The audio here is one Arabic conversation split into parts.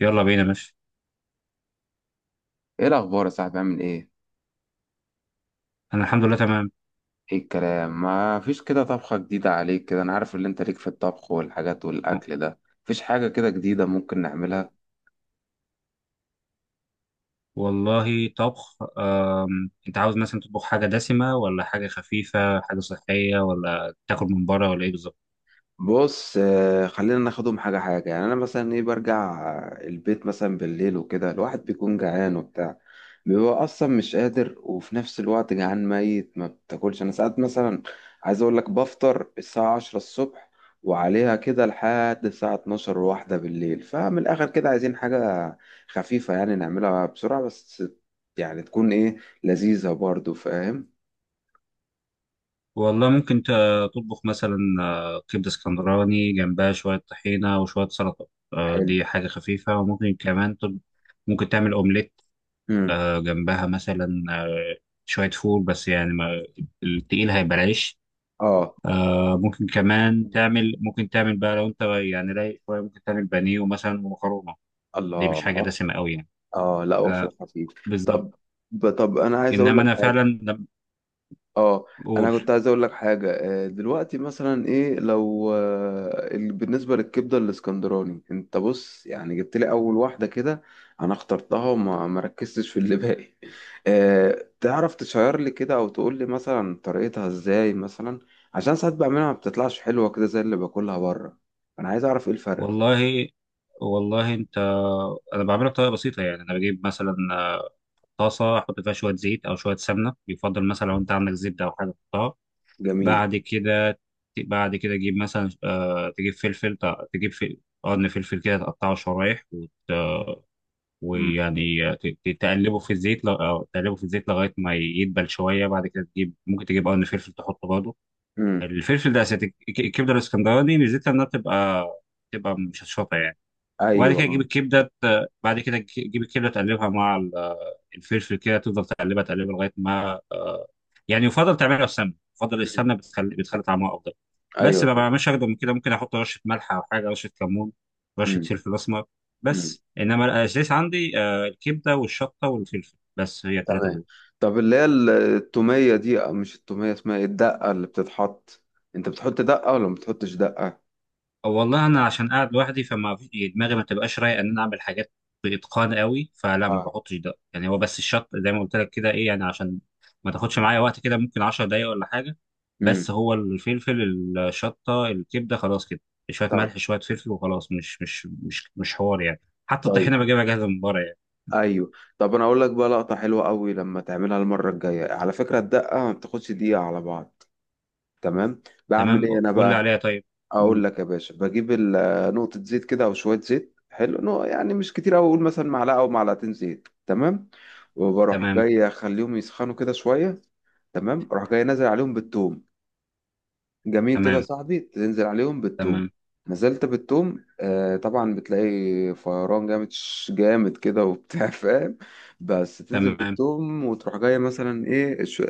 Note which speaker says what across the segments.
Speaker 1: يلا بينا ماشي.
Speaker 2: ايه الاخبار يا صاحبي؟ عامل ايه؟
Speaker 1: انا الحمد لله تمام.
Speaker 2: ايه الكلام؟ ما فيش كده طبخة جديدة عليك كده. انا عارف ان انت ليك في الطبخ والحاجات والاكل ده. مفيش حاجة كده جديدة ممكن نعملها؟
Speaker 1: والله طبخ انت عاوز مثلا تطبخ حاجه دسمه ولا حاجه خفيفه، حاجه صحيه ولا تاكل من بره ولا ايه بالظبط؟
Speaker 2: بص، خلينا ناخدهم حاجة حاجة. يعني أنا مثلا إيه؟ برجع البيت مثلا بالليل وكده، الواحد بيكون جعان وبتاع، بيبقى أصلا مش قادر وفي نفس الوقت جعان ميت ما بتاكلش. أنا ساعات مثلا عايز أقول لك بفطر الساعة 10 الصبح وعليها كده لحد الساعة 12 واحدة بالليل. فمن الآخر كده عايزين حاجة خفيفة يعني نعملها بسرعة بس. يعني تكون إيه؟ لذيذة برضو، فاهم.
Speaker 1: والله ممكن تطبخ مثلا كبده اسكندراني جنبها شويه طحينه وشويه سلطه.
Speaker 2: حلو.
Speaker 1: دي حاجه خفيفه. وممكن كمان ممكن تعمل اومليت،
Speaker 2: مم.
Speaker 1: جنبها مثلا شويه فول. بس يعني ما... التقيل هيبقى العيش.
Speaker 2: آه.
Speaker 1: آه، ممكن كمان تعمل، ممكن تعمل بقى لو انت يعني رايق شويه ممكن تعمل بانيه ومثلا ومكرونه. دي مش حاجه
Speaker 2: الله.
Speaker 1: دسمه قوي يعني.
Speaker 2: اه، لا هو فيلم
Speaker 1: آه،
Speaker 2: خفيف.
Speaker 1: بالظبط.
Speaker 2: طب، طب انا عايز اقول
Speaker 1: انما
Speaker 2: لك
Speaker 1: انا
Speaker 2: حاجه.
Speaker 1: فعلا لما
Speaker 2: اه. انا
Speaker 1: بقول،
Speaker 2: كنت عايز اقول لك حاجه. دلوقتي مثلا ايه لو بالنسبه للكبده الاسكندراني؟ انت بص، يعني جبت لي اول واحده كده انا اخترتها وما ما ركزتش في اللي باقي. تعرف تشير لي كده او تقول لي مثلا طريقتها ازاي مثلا؟ عشان ساعات بعملها ما بتطلعش حلوه كده زي اللي باكلها بره. انا عايز اعرف ايه الفرق.
Speaker 1: والله، والله انت، انا بعملها بطريقه بسيطه يعني. انا بجيب مثلا طاسه احط فيها شويه زيت او شويه سمنه. يفضل مثلا لو انت عندك زبده او حاجه تحطها.
Speaker 2: جميل.
Speaker 1: بعد كده، بعد كده تجيب مثلا آه تجيب فلفل، تجيب فلفل، قرن فلفل كده تقطعه شرايح. ويعني تقلبه في الزيت أو تقلبه في الزيت لغايه ما يدبل شويه. بعد كده تجيب، ممكن تجيب قرن فلفل تحطه برضه.
Speaker 2: امم.
Speaker 1: الفلفل ده اساسي. الكبده الاسكندراني ميزتها انها بتبقى مشطشطه يعني. وبعد
Speaker 2: ايوه.
Speaker 1: كده تجيب
Speaker 2: اه.
Speaker 1: الكبده بعد كده تجيب الكبده تقلبها مع الفلفل كده. تفضل تقلبها تقلبها لغايه ما يعني، يفضل تعملها بسمنه. يفضل
Speaker 2: مم.
Speaker 1: السمنه بتخلي، بتخلي طعمها افضل.
Speaker 2: ايوه
Speaker 1: بس ما
Speaker 2: طبعا.
Speaker 1: بعملش اكتر من كده. ممكن احط رشه ملح او حاجه، رشه كمون، رشه
Speaker 2: مم.
Speaker 1: فلفل اسمر.
Speaker 2: مم.
Speaker 1: بس انما الاساس عندي الكبده والشطه والفلفل بس، هي الثلاثه
Speaker 2: تمام.
Speaker 1: دول.
Speaker 2: طب، اللي هي التومية دي، أو مش التومية، اسمها ايه، الدقة اللي بتتحط؟ انت بتحط دقة ولا ما بتحطش دقة؟
Speaker 1: أو والله انا عشان قاعد لوحدي يعني دماغي ما تبقاش رايقه ان انا اعمل حاجات باتقان قوي. فلا، ما
Speaker 2: اه.
Speaker 1: بحطش ده يعني. هو بس الشط زي ما قلت لك كده، ايه يعني، عشان ما تاخدش معايا وقت كده، ممكن 10 دقايق ولا حاجه.
Speaker 2: امم.
Speaker 1: بس هو الفلفل الشطه الكبده خلاص كده. شويه
Speaker 2: طيب.
Speaker 1: ملح شويه فلفل وخلاص. مش حوار يعني. حتى
Speaker 2: طيب.
Speaker 1: الطحينه بجيبها جاهزه من بره يعني.
Speaker 2: ايوه. طب، انا اقول لك بقى لقطة حلوة قوي لما تعملها المرة الجاية. على فكرة الدقة ما بتاخدش دقيقة على بعض. تمام. بعمل
Speaker 1: تمام،
Speaker 2: ايه انا
Speaker 1: قول لي
Speaker 2: بقى؟
Speaker 1: عليها طيب.
Speaker 2: اقول
Speaker 1: مم.
Speaker 2: لك يا باشا، بجيب نقطة زيت كده او شوية زيت حلو، يعني مش كتير أوي. اقول مثلا معلقة او معلقتين زيت، تمام. وبروح
Speaker 1: تمام
Speaker 2: جاي اخليهم يسخنوا كده شوية. تمام، اروح جاي نازل عليهم بالثوم. جميل كده يا
Speaker 1: تمام،
Speaker 2: صاحبي، تنزل عليهم بالثوم،
Speaker 1: تمام
Speaker 2: نزلت بالثوم. آه طبعا بتلاقي فيران جامد، جامد كده وبتاع فاهم. بس تنزل
Speaker 1: تمام،
Speaker 2: بالثوم وتروح جايه مثلا ايه، شو،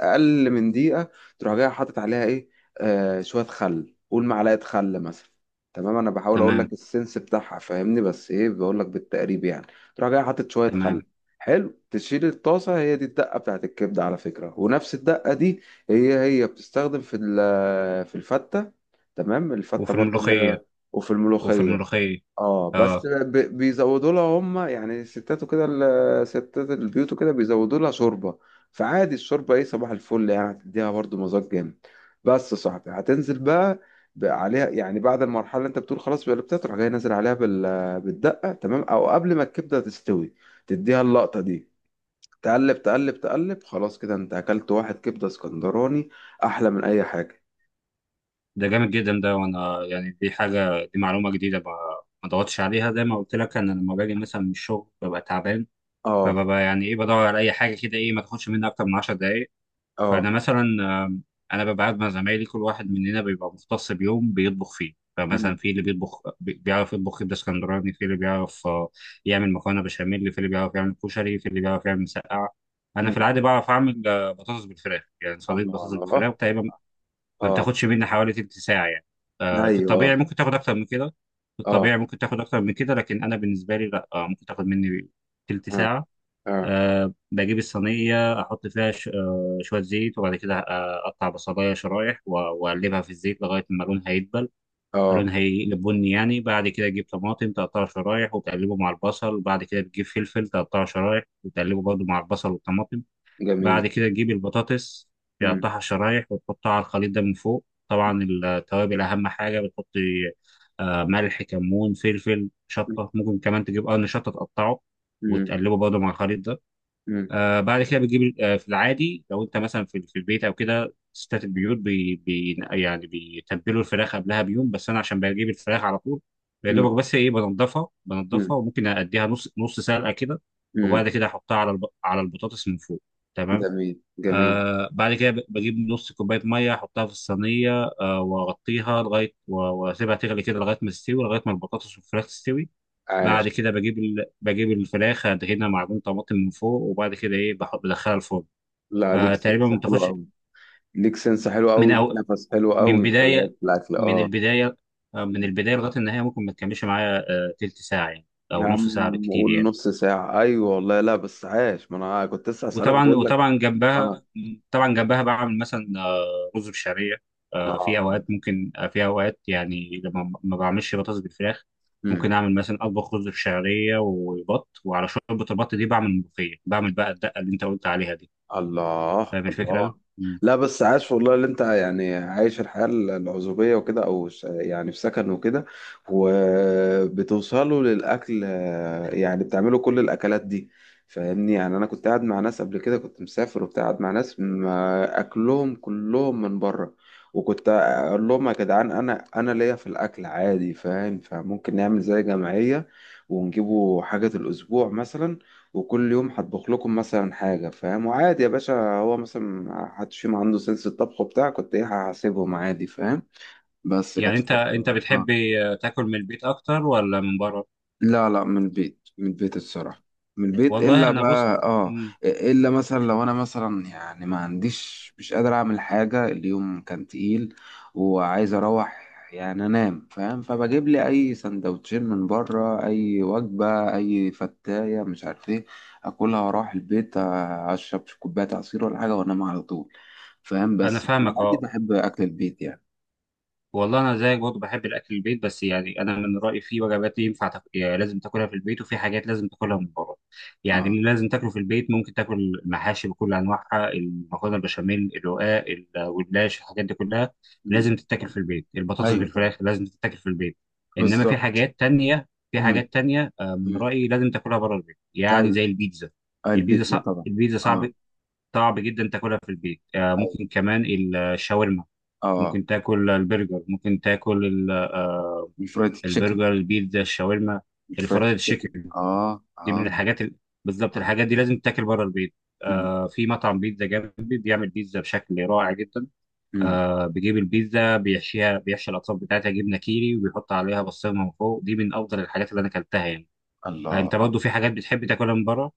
Speaker 2: اقل من دقيقه. تروح جايه حاطط عليها ايه؟ آه، شويه خل، قول معلقه خل مثلا. تمام، انا بحاول اقول
Speaker 1: تمام
Speaker 2: لك السنس بتاعها، فاهمني. بس ايه، بقول لك بالتقريب يعني. تروح جايه حاطط شويه خل.
Speaker 1: تمام.
Speaker 2: حلو، تشيل الطاسه. هي دي الدقه بتاعت الكبده على فكره، ونفس الدقه دي هي هي بتستخدم في الفتة تمام، الفتة
Speaker 1: وفي
Speaker 2: برضو اللي هي
Speaker 1: الملوخيه،
Speaker 2: وفي
Speaker 1: وفي
Speaker 2: الملوخية.
Speaker 1: الملوخيه.
Speaker 2: اه،
Speaker 1: آه.
Speaker 2: بس بيزودوا لها هم، يعني الستات وكده، ستات البيوت وكده بيزودوا لها شوربة. فعادي الشوربة، ايه، صباح الفل، يعني هتديها برضو مذاق جامد. بس يا صاحبي هتنزل بقى، بقى عليها، يعني بعد المرحلة اللي انت بتقول خلاص قلبتها، تروح جاي نازل عليها بالدقة. تمام، او قبل ما الكبدة تستوي تديها اللقطة دي. تقلب تقلب تقلب، خلاص كده انت اكلت واحد كبده اسكندراني احلى من اي حاجه.
Speaker 1: ده جامد جدا ده. وانا يعني دي حاجه، دي معلومه جديده ما ضغطتش عليها. زي ما قلت لك، انا لما باجي مثلا من الشغل ببقى تعبان.
Speaker 2: اه.
Speaker 1: فببقى يعني ايه، بدور على اي حاجه كده، ايه، ما تاخدش مني اكتر من 10 دقائق.
Speaker 2: اه.
Speaker 1: فانا مثلا انا ببقى قاعد مع زمايلي، كل واحد مننا بيبقى مختص بيوم بيطبخ فيه. فمثلا
Speaker 2: مم.
Speaker 1: في اللي بيطبخ بيعرف يطبخ كبده اسكندراني، في اللي بيعرف يعمل مكرونه بشاميل، في اللي بيعرف يعمل كشري، في اللي بيعرف يعمل مسقعه. انا في
Speaker 2: مم.
Speaker 1: العاده بعرف اعمل بطاطس بالفراخ، يعني صينيه بطاطس
Speaker 2: الله.
Speaker 1: بالفراخ. تقريبا ما
Speaker 2: اه.
Speaker 1: بتاخدش مني حوالي تلت ساعة يعني. في
Speaker 2: ايوه.
Speaker 1: الطبيعي ممكن تاخد أكتر من كده، في
Speaker 2: اه.
Speaker 1: الطبيعي ممكن تاخد أكتر من كده، لكن أنا بالنسبة لي لا. ممكن تاخد مني تلت
Speaker 2: اه.
Speaker 1: ساعة.
Speaker 2: اه. اه.
Speaker 1: أه بجيب الصينية أحط فيها أه شوية زيت، وبعد كده أقطع بصلاية شرايح وأقلبها في الزيت لغاية ما لونها يدبل،
Speaker 2: آه.
Speaker 1: لونها يقلب بني يعني. بعد كده تجيب طماطم تقطعها شرايح وتقلبه مع البصل. وبعد كده بتجيب فلفل تقطعه شرايح وتقلبه برضه مع البصل والطماطم.
Speaker 2: جميل.
Speaker 1: بعد كده تجيب البطاطس،
Speaker 2: مم.
Speaker 1: تقطعها شرايح وتحطها على الخليط ده من فوق. طبعا التوابل أهم حاجة بتحطي، ملح كمون فلفل
Speaker 2: مم.
Speaker 1: شطة. ممكن كمان تجيب قرن شطة تقطعه
Speaker 2: مم.
Speaker 1: وتقلبه برضه مع الخليط ده.
Speaker 2: مم.
Speaker 1: آه بعد كده بتجيب آه، في العادي لو انت مثلا في البيت او كده، ستات البيوت بي يعني بيتبلوا الفراخ قبلها بيوم. بس انا عشان بجيب الفراخ على طول يا
Speaker 2: مم.
Speaker 1: دوبك، بس ايه، بنضفها، بنضفها
Speaker 2: مم.
Speaker 1: وممكن اديها نص نص سلقه كده.
Speaker 2: مم.
Speaker 1: وبعد كده احطها على على البطاطس من فوق. تمام.
Speaker 2: جميل جميل.
Speaker 1: آه بعد كده بجيب نص كوباية مية أحطها في الصينية. آه وأغطيها وأسيبها تغلي كده لغاية ما تستوي، لغاية ما البطاطس والفراخ تستوي. بعد
Speaker 2: عاش.
Speaker 1: كده بجيب بجيب الفراخ أدهنها معجون طماطم من فوق. وبعد كده إيه، بدخلها الفرن.
Speaker 2: لا،
Speaker 1: آه
Speaker 2: ليك
Speaker 1: تقريبا
Speaker 2: سنس
Speaker 1: ما
Speaker 2: حلو
Speaker 1: بتاخدش
Speaker 2: قوي، ليك سنس حلو
Speaker 1: من
Speaker 2: قوي، ليك
Speaker 1: أو...
Speaker 2: نفس حلو
Speaker 1: من
Speaker 2: قوي، خلي بالك
Speaker 1: بداية
Speaker 2: في الاكل.
Speaker 1: من
Speaker 2: اه.
Speaker 1: البداية، آه من
Speaker 2: مم.
Speaker 1: البداية لغاية النهاية ممكن ما تكملش معايا آه تلت ساعة يعني،
Speaker 2: يا
Speaker 1: أو نص ساعة
Speaker 2: عم
Speaker 1: بالكتير
Speaker 2: قول
Speaker 1: يعني.
Speaker 2: نص ساعة. أيوة والله. لا بس عاش، ما أنا كنت لسه هسألك
Speaker 1: وطبعا
Speaker 2: بقول لك.
Speaker 1: وطبعا
Speaker 2: آه.
Speaker 1: جنبها، طبعا جنبها بعمل مثلا رز بشعريه. في
Speaker 2: اه.
Speaker 1: اوقات ممكن في اوقات يعني لما ما بعملش بطاطس بالفراخ ممكن
Speaker 2: امم.
Speaker 1: اعمل مثلا، اطبخ رز بشعريه وبط، وعلى شوربه البط دي بعمل ملوخيه، بعمل بقى الدقه اللي انت قلت عليها دي.
Speaker 2: الله
Speaker 1: فاهم الفكره؟
Speaker 2: الله.
Speaker 1: مم.
Speaker 2: لا بس عاش والله، اللي انت يعني عايش الحياة العزوبية وكده او يعني في سكن وكده وبتوصلوا للاكل، يعني بتعملوا كل الاكلات دي، فاهمني. يعني انا كنت قاعد مع ناس قبل كده، كنت مسافر وبتاع، قاعد مع ناس ما اكلهم كلهم من بره، وكنت اقول لهم يا جدعان، انا ليا في الاكل عادي، فاهم. فممكن نعمل زي جمعية ونجيبوا حاجة الأسبوع مثلا، وكل يوم هطبخ لكم مثلا حاجة، فاهم. وعادي يا باشا، هو مثلا ما حدش فيهم عنده سنس الطبخ بتاع، كنت ايه، هسيبهم عادي، فاهم. بس
Speaker 1: يعني
Speaker 2: كانت
Speaker 1: انت
Speaker 2: فترة. آه.
Speaker 1: بتحب تاكل من البيت اكتر ولا من بره؟
Speaker 2: لا لا، من البيت، من البيت الصراحة. من البيت،
Speaker 1: والله
Speaker 2: إلا
Speaker 1: انا
Speaker 2: بقى
Speaker 1: بص،
Speaker 2: آه،
Speaker 1: مم.
Speaker 2: إلا
Speaker 1: مم.
Speaker 2: مثلا لو أنا مثلا يعني ما عنديش، مش قادر أعمل حاجة، اليوم كان تقيل وعايز أروح يعني أنام، فاهم. فبجيب لي أي سندوتشين من بره، أي وجبة، أي فتاية مش عارف إيه، أكلها وأروح البيت، أشرب كوباية عصير ولا حاجة وأنام على طول، فاهم.
Speaker 1: انا
Speaker 2: بس في
Speaker 1: فاهمك
Speaker 2: العادي
Speaker 1: اه.
Speaker 2: بحب أكل البيت يعني.
Speaker 1: والله انا زيك برضه بحب الاكل البيت. بس يعني انا من رايي في وجبات يعني لازم تاكلها في البيت، وفي حاجات لازم تاكلها من بره. يعني
Speaker 2: آه.
Speaker 1: اللي لازم تاكله في البيت ممكن تاكل المحاشي بكل انواعها، المكرونه البشاميل، الرقاق، الجلاش، الحاجات دي كلها لازم تتاكل في البيت. البطاطس
Speaker 2: أيوه طبعا.
Speaker 1: بالفراخ لازم تتاكل في البيت. انما في
Speaker 2: بالظبط.
Speaker 1: حاجات تانية، في
Speaker 2: أمم.
Speaker 1: حاجات تانية من رايي لازم تاكلها بره البيت، يعني زي
Speaker 2: أمم.
Speaker 1: البيتزا.
Speaker 2: اه
Speaker 1: البيتزا
Speaker 2: البيتزا
Speaker 1: صعب،
Speaker 2: طبعا.
Speaker 1: البيتزا صعب،
Speaker 2: اه.
Speaker 1: صعب جدا تاكلها في البيت.
Speaker 2: ايوه.
Speaker 1: ممكن كمان الشاورما،
Speaker 2: اه
Speaker 1: ممكن تاكل البرجر، ممكن تاكل
Speaker 2: الفرايد تشيكن.
Speaker 1: البرجر البيتزا الشاورما
Speaker 2: الفرايد
Speaker 1: الفرايد
Speaker 2: تشيكن.
Speaker 1: تشيكن،
Speaker 2: اه.
Speaker 1: دي من
Speaker 2: اه.
Speaker 1: بالظبط
Speaker 2: آه.
Speaker 1: الحاجات دي لازم تاكل بره البيت.
Speaker 2: مم.
Speaker 1: آه في مطعم بيتزا جنبي بيعمل بيتزا بشكل رائع جدا.
Speaker 2: مم.
Speaker 1: آه بيجيب البيتزا بيحشيها، بيحشي الاطراف بتاعتها جبنه كيري، وبيحط عليها بصمه من فوق. دي من افضل الحاجات اللي انا اكلتها يعني. آه، انت
Speaker 2: الله.
Speaker 1: برضه في حاجات بتحب تاكلها من بره؟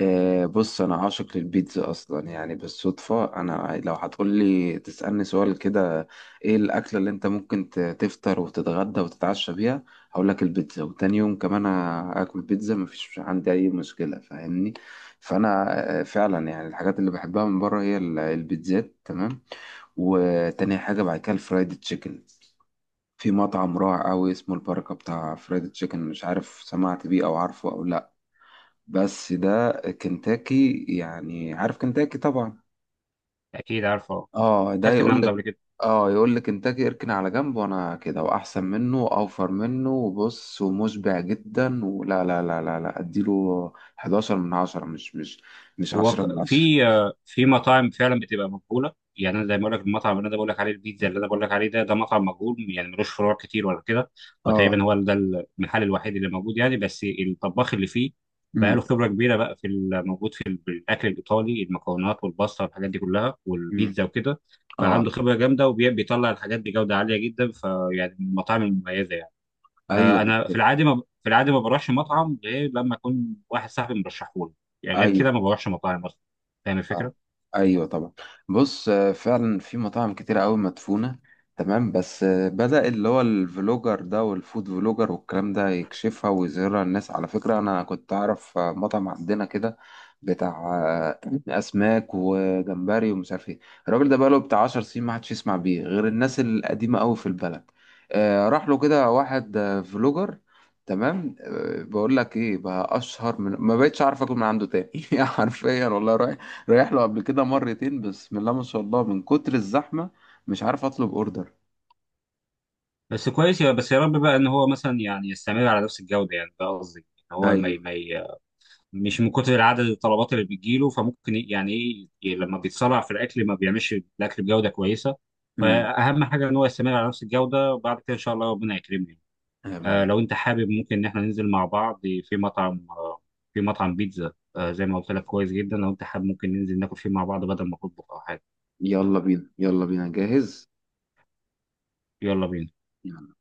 Speaker 2: بص انا عاشق للبيتزا اصلا يعني. بالصدفه انا لو هتقولي تسالني سؤال كده ايه الاكله اللي انت ممكن تفطر وتتغدى وتتعشى بيها، هقول لك البيتزا. وتاني يوم كمان اكل بيتزا مفيش عندي اي مشكله، فاهمني. فانا، فعلا يعني الحاجات اللي بحبها من بره هي البيتزات، تمام. وتاني حاجه بعد كده الفرايد تشيكن. في مطعم رائع قوي اسمه البركه بتاع فرايد تشيكن، مش عارف سمعت بيه او عارفه او لا، بس ده كنتاكي يعني. عارف كنتاكي طبعا.
Speaker 1: اكيد عارفه،
Speaker 2: اه، ده
Speaker 1: اكلت من
Speaker 2: يقول
Speaker 1: عنده
Speaker 2: لك،
Speaker 1: قبل كده.
Speaker 2: اه، يقول لك كنتاكي اركن على جنب وانا كده، واحسن منه واوفر منه، وبص ومشبع جدا ولا، لا لا لا لا اديله 11 من 10. مش
Speaker 1: هو
Speaker 2: 10 من 10.
Speaker 1: في في مطاعم فعلا بتبقى مجهوله يعني. انا زي ما بقول لك، المطعم اللي انا بقول لك عليه، البيتزا اللي انا بقول لك عليه ده مطعم مجهول يعني، ملوش فروع كتير ولا كده.
Speaker 2: اه.
Speaker 1: وتقريبا هو ده المحل الوحيد اللي موجود يعني. بس الطباخ اللي فيه بقى له
Speaker 2: امم.
Speaker 1: خبره كبيره بقى في موجود في الاكل الايطالي، المكونات والباستا والحاجات دي كلها
Speaker 2: امم.
Speaker 1: والبيتزا وكده. فعنده
Speaker 2: اه.
Speaker 1: خبره جامده، وبيطلع الحاجات بجوده عاليه جدا. فيعني من المطاعم المميزه يعني.
Speaker 2: ايوه
Speaker 1: انا في
Speaker 2: بالظبط.
Speaker 1: العادي ما بروحش مطعم غير لما اكون واحد صاحبي مرشحه لي يعني. غير
Speaker 2: ايوه.
Speaker 1: كده ما بروحش مطاعم اصلا. فاهم الفكره؟
Speaker 2: اه. ايوه طبعا. بص، فعلا في مطاعم كتيرة قوي مدفونة. تمام، بس بدأ اللي هو الفلوجر ده والفود فلوجر والكلام ده يكشفها ويظهرها للناس. على فكرة انا كنت اعرف مطعم عندنا كده بتاع اسماك وجمبري ومش عارف ايه. الراجل ده بقاله بتاع 10 سنين ما حدش يسمع بيه غير الناس القديمة قوي في البلد. راح له كده واحد فلوجر، تمام. بقول لك ايه بقى، اشهر من ما بقتش عارف اكل من عنده تاني حرفيا والله. رايح رايح له قبل كده مرتين، بسم الله ما شاء الله، من كتر الزحمة مش عارف اطلب اوردر.
Speaker 1: بس كويس، يا بس يا رب بقى ان هو مثلا يعني يستمر على نفس الجوده. يعني ده قصدي، ان هو ما ي-
Speaker 2: ايوه.
Speaker 1: ما ي- مش من كتر عدد الطلبات اللي بتجيله يعني ايه، لما بيتصارع في الاكل ما بيعملش الاكل بجوده كويسه.
Speaker 2: امم.
Speaker 1: فاهم حاجه، ان هو يستمر على نفس الجوده. وبعد كده ان شاء الله ربنا يكرمني.
Speaker 2: امين.
Speaker 1: لو انت حابب ممكن ان احنا ننزل مع بعض في مطعم في مطعم بيتزا زي ما قلت لك كويس جدا. لو انت حابب ممكن ننزل ناكل فيه مع بعض، بدل ما تطبخ او حاجه.
Speaker 2: يلا بينا. يلا بينا جاهز.
Speaker 1: يلا بينا.
Speaker 2: يلا.